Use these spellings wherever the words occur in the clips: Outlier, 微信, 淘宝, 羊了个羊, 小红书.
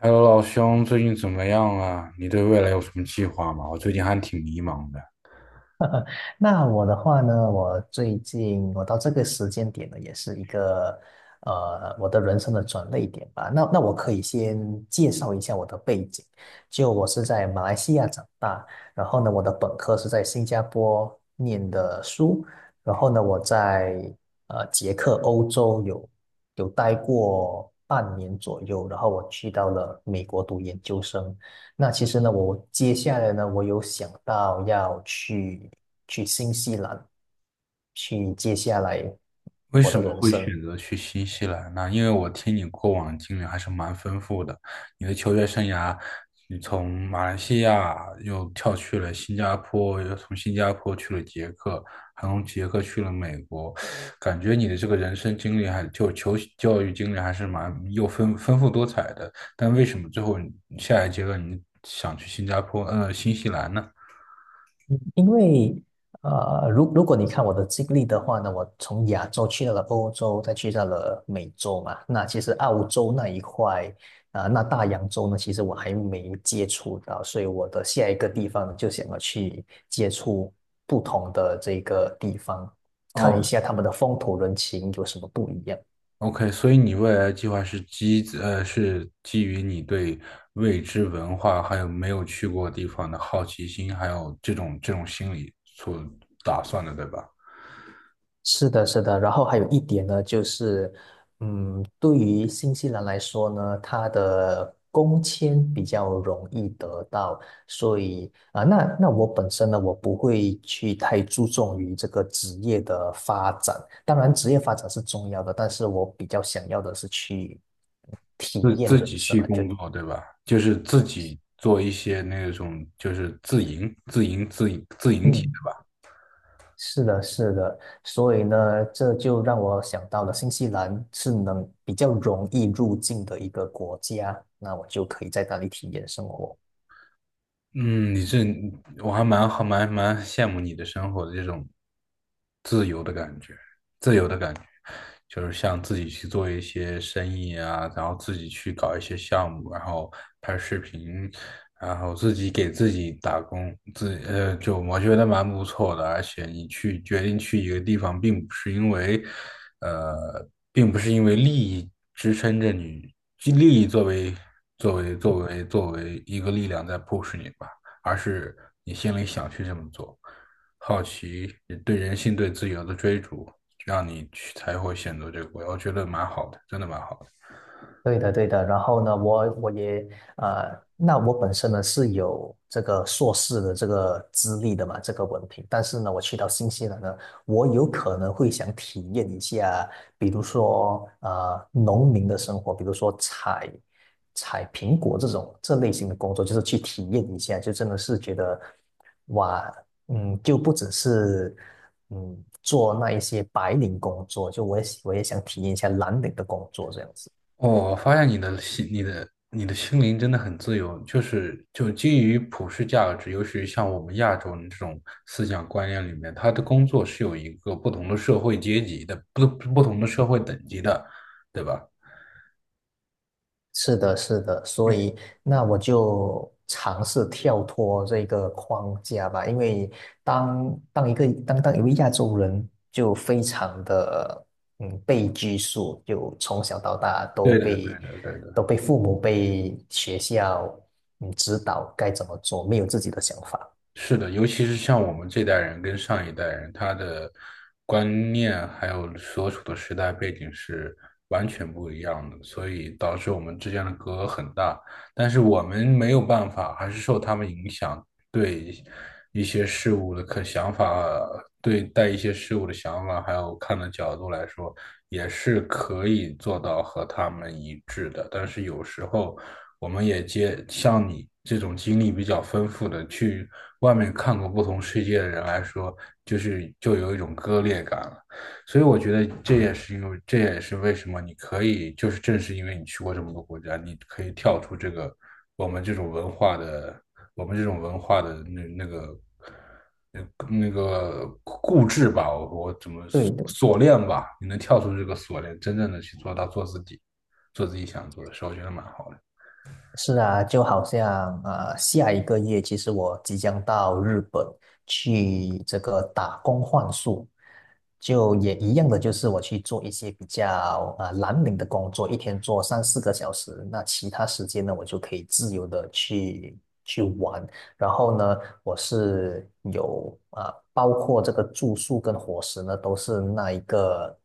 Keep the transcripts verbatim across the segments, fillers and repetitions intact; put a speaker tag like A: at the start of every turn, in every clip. A: h e 老兄，最近怎么样啊？你对未来有什么计划吗？我最近还挺迷茫的。
B: 那我的话呢，我最近我到这个时间点呢，也是一个呃我的人生的转捩点吧。那那我可以先介绍一下我的背景，就我是在马来西亚长大，然后呢，我的本科是在新加坡念的书，然后呢，我在呃捷克欧洲有有待过半年左右，然后我去到了美国读研究生。那其实呢，我接下来呢，我有想到要去去新西兰，去接下来
A: 为
B: 我的
A: 什么
B: 人
A: 会
B: 生，
A: 选择去新西兰呢？因为我听你过往经历还是蛮丰富的。你的球员生涯，你从马来西亚又跳去了新加坡，又从新加坡去了捷克，还从捷克去了美国，感觉你的这个人生经历还就球教育经历还是蛮又丰丰富多彩的。但为什么最后你下一阶段你想去新加坡，呃，新西兰呢？
B: 因为呃，如如果你看我的经历的话呢，我从亚洲去到了欧洲，再去到了美洲嘛，那其实澳洲那一块啊、呃那大洋洲呢，其实我还没接触到，所以我的下一个地方呢就想要去接触不同的这个地方，看
A: 哦。
B: 一下他们的风土人情有什么不一样。
A: OK，所以你未来的计划是基呃是基于你对未知文化还有没有去过地方的好奇心，还有这种这种心理所打算的，对吧？
B: 是的，是的，然后还有一点呢，就是，嗯，对于新西兰来说呢，它的工签比较容易得到，所以啊、那那我本身呢，我不会去太注重于这个职业的发展，当然职业发展是重要的，但是我比较想要的是去体
A: 自
B: 验
A: 自
B: 人
A: 己
B: 生
A: 去
B: 嘛，就
A: 工作，对吧？就是自己做一些那种就是自营、自营、自营、自营体
B: 嗯。是的，是的，所以呢，这就让我想到了新西兰是能比较容易入境的一个国家，那我就可以在那里体验生活。
A: 嗯，你这我还蛮好蛮蛮羡慕你的生活的这种自由的感觉，自由的感觉，就是像自己去做一些生意啊，然后自己去搞一些项目，然后拍视频，然后自己给自己打工，自呃，就我觉得蛮不错的。而且你去决定去一个地方，并不是因为，呃，并不是因为利益支撑着你，利益作为作为作为作为一个力量在 push 你吧，而是你心里想去这么做，好奇对人性对自由的追逐，让你去才会选择这个国家我觉得蛮好的，真的蛮好的。
B: 对的，对的。然后呢，我我也呃，那我本身呢是有这个硕士的这个资历的嘛，这个文凭。但是呢，我去到新西兰呢，我有可能会想体验一下，比如说呃，农民的生活，比如说采采苹果这种这类型的工作，就是去体验一下，就真的是觉得哇，嗯，就不只是嗯做那一些白领工作，就我也我也想体验一下蓝领的工作这样子。
A: 哦，我发现你的心、你的、你的心灵真的很自由，就是就基于普世价值，尤其是像我们亚洲人这种思想观念里面，他的工作是有一个不同的社会阶级的，不不同的社会等级的，对吧？
B: 是的，是的，所
A: 对
B: 以那我就尝试跳脱这个框架吧，因为当当一个当当一位亚洲人，就非常的嗯被拘束，就从小到大都
A: 对的，对
B: 被
A: 的，对的。
B: 都被父母被学校嗯指导该怎么做，没有自己的想法。
A: 是的，尤其是像我们这代人跟上一代人，他的观念还有所处的时代背景是完全不一样的，所以导致我们之间的隔阂很大。但是我们没有办法，还是受他们影响，对一些事物的可想法，对待一些事物的想法，还有看的角度来说，也是可以做到和他们一致的。但是有时候。我们也接像你这种经历比较丰富的，去外面看过不同世界的人来说，就是就有一种割裂感了。所以我觉得这也是因为，这也是为什么你可以，就是正是因为你去过这么多国家，你可以跳出这个我们这种文化的，我们这种文化的那那个。那那个固执吧，我我怎么
B: 对，的。
A: 锁链吧？你能跳出这个锁链，真正的去做到做自己，做自己想做的事，我觉得蛮好的。
B: 是啊，就好像呃，下一个月其实我即将到日本去这个打工换宿，就也一样的，就是我去做一些比较啊蓝领的工作，一天做三四个小时，那其他时间呢，我就可以自由的去去玩。然后呢，我是有啊、呃包括这个住宿跟伙食呢，都是那一个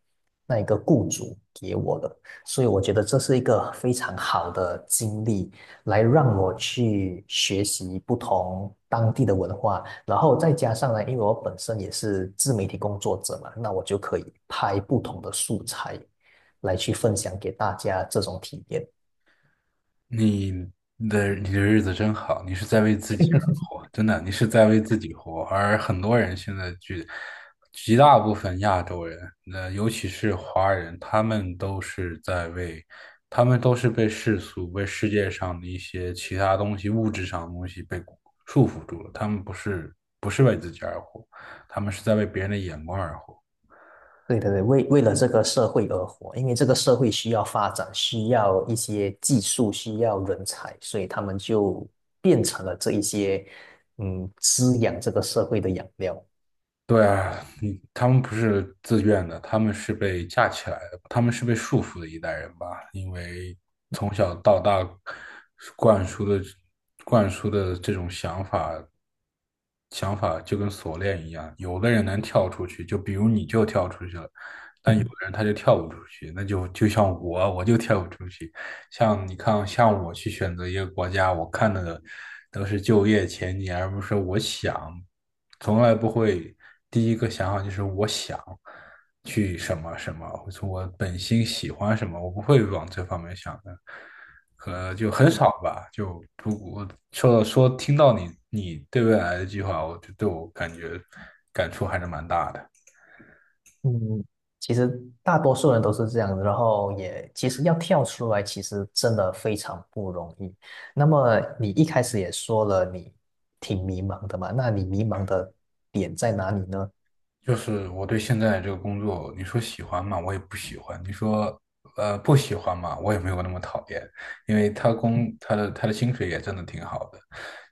B: 那一个雇主给我的。所以我觉得这是一个非常好的经历，来让我去学习不同当地的文化，然后再加上呢，因为我本身也是自媒体工作者嘛，那我就可以拍不同的素材来去分享给大家这种体验。
A: 你的你的日子真好，你是在为自己而活，真的，你是在为自己活。而很多人现在绝极大部分亚洲人，那尤其是华人，他们都是在为，他们都是被世俗、被世界上的一些其他东西、物质上的东西被束缚住了。他们不是不是为自己而活，他们是在为别人的眼光而活。
B: 对对对，为为了这个社会而活，因为这个社会需要发展，需要一些技术，需要人才，所以他们就变成了这一些嗯滋养这个社会的养料。
A: 对啊，你他们不是自愿的，他们是被架起来的，他们是被束缚的一代人吧？因为从小到大灌输的灌输的这种想法，想法就跟锁链一样，有的人能跳出去，就比如你就跳出去了，但有的 人他就跳不出去，那就就像我，我就跳不出去。像你看，像我去选择一个国家，我看的都是就业前景，而不是我想，从来不会第一个想法就是我想去什么什么，或者我本心喜欢什么，我不会往这方面想的，可就很少吧。说说听到你你对未来的计划，我就对我感觉感触还是蛮大的。
B: 嗯，其实大多数人都是这样的，然后也其实要跳出来，其实真的非常不容易。那么你一开始也说了，你挺迷茫的嘛，那你迷茫的点在哪里呢？
A: 就是我对现在这个工作，你说喜欢嘛，我也不喜欢；你说呃不喜欢嘛，我也没有那么讨厌，因为他工他的他的薪水也真的挺好的。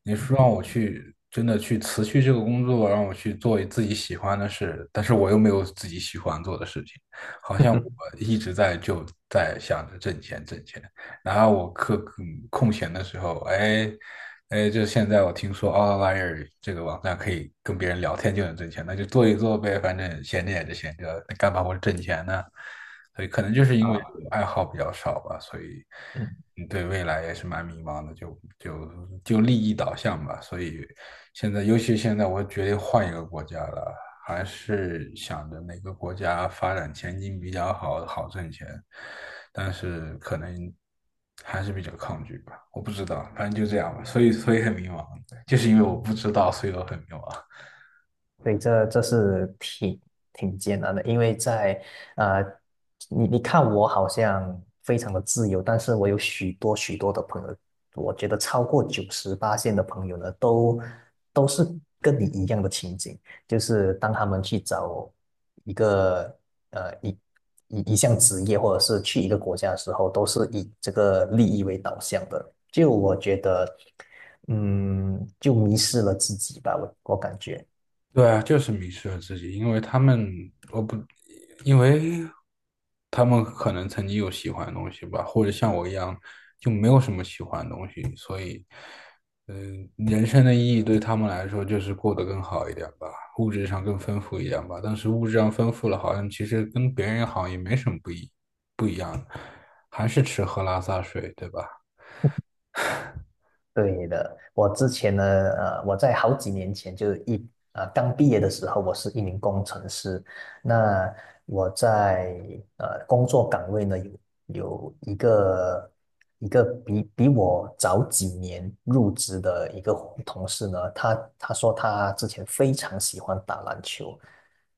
A: 你说让我去真的去辞去这个工作，让我去做自己喜欢的事，但是我又没有自己喜欢做的事情，好像我 一直在就在想着挣钱挣钱。然后我课嗯空闲的时候，哎哎，就现在我听说 Outlier 这个网站可以跟别人聊天就能挣钱，那就做一做呗，反正闲着也是闲着，那干嘛不挣钱呢？所以可能就是因为
B: 啊，
A: 我爱好比较少吧，所以
B: 嗯。
A: 嗯对未来也是蛮迷茫的，就就就利益导向吧。所以现在，尤其现在我决定换一个国家了，还是想着哪个国家发展前景比较好，好挣钱，但是可能还是比较抗拒吧，我不知道，反正就这样吧，所以所以很迷茫，就是因为我不知道，所以我很迷茫。
B: 对，这这是挺挺艰难的，因为在呃，你你看我好像非常的自由，但是我有许多许多的朋友，我觉得超过九十八线的朋友呢，都都是跟你一样的情景，就是当他们去找一个呃一一一项职业，或者是去一个国家的时候，都是以这个利益为导向的，就我觉得，嗯，就迷失了自己吧，我我感觉。
A: 对啊，就是迷失了自己，因为他们，我不，因为他们可能曾经有喜欢的东西吧，或者像我一样就没有什么喜欢的东西，所以，嗯、人生的意义对他们来说就是过得更好一点吧，物质上更丰富一点吧。但是物质上丰富了，好像其实跟别人好像也没什么不一，还是吃喝拉撒睡，对吧？
B: 对的，我之前呢，呃，我在好几年前就一呃刚毕业的时候，我是一名工程师。那我在呃工作岗位呢，有有一个一个比比我早几年入职的一个同事呢，他他说他之前非常喜欢打篮球，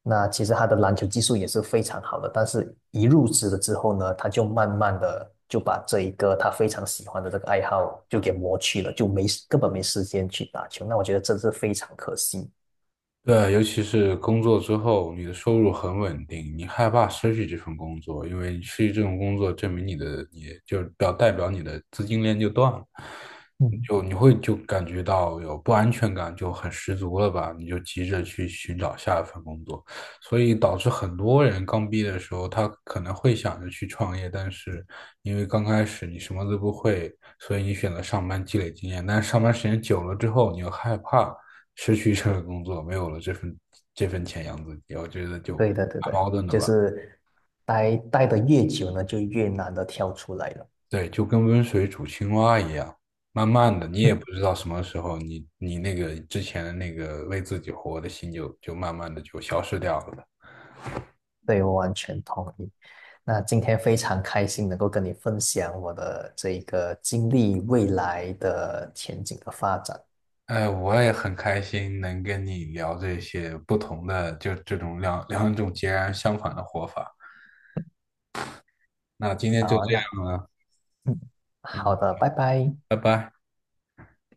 B: 那其实他的篮球技术也是非常好的，但是一入职了之后呢，他就慢慢的就把这一个他非常喜欢的这个爱好就给磨去了，就没根本没时间去打球。那我觉得这是非常可惜。
A: 对，尤其是工作之后，你的收入很稳定，你害怕失去这份工作，因为失去这种工作，证明你的你就表代表你的资金链就断了，你
B: 嗯，
A: 就你会就感觉到有不安全感，就很十足了吧？你就急着去寻找下一份工作，所以导致很多人刚毕业的时候，他可能会想着去创业，但是因为刚开始你什么都不会，所以你选择上班积累经验，但是上班时间久了之后，你又害怕。失去这个工作，没有了这份这份钱养自己，我觉得就
B: 对
A: 蛮
B: 的，对的，
A: 矛盾的
B: 就
A: 吧。
B: 是待待的越久呢，就越难的跳出来了。
A: 对，就跟温水煮青蛙一样，慢慢的，你
B: 嗯
A: 也不知道什么时候你，你那个之前的那个为自己活的心就就慢慢的就消失掉了。
B: 对，我完全同意。那今天非常开心能够跟你分享我的这一个经历未来的前景的发展。
A: 哎，我也很开心能跟你聊这些不同的，就这种两两种截然相反的活法。那今天就
B: 好啊，
A: 这
B: 那
A: 样了，
B: 嗯，好
A: 嗯，
B: 的，拜拜。
A: 拜拜。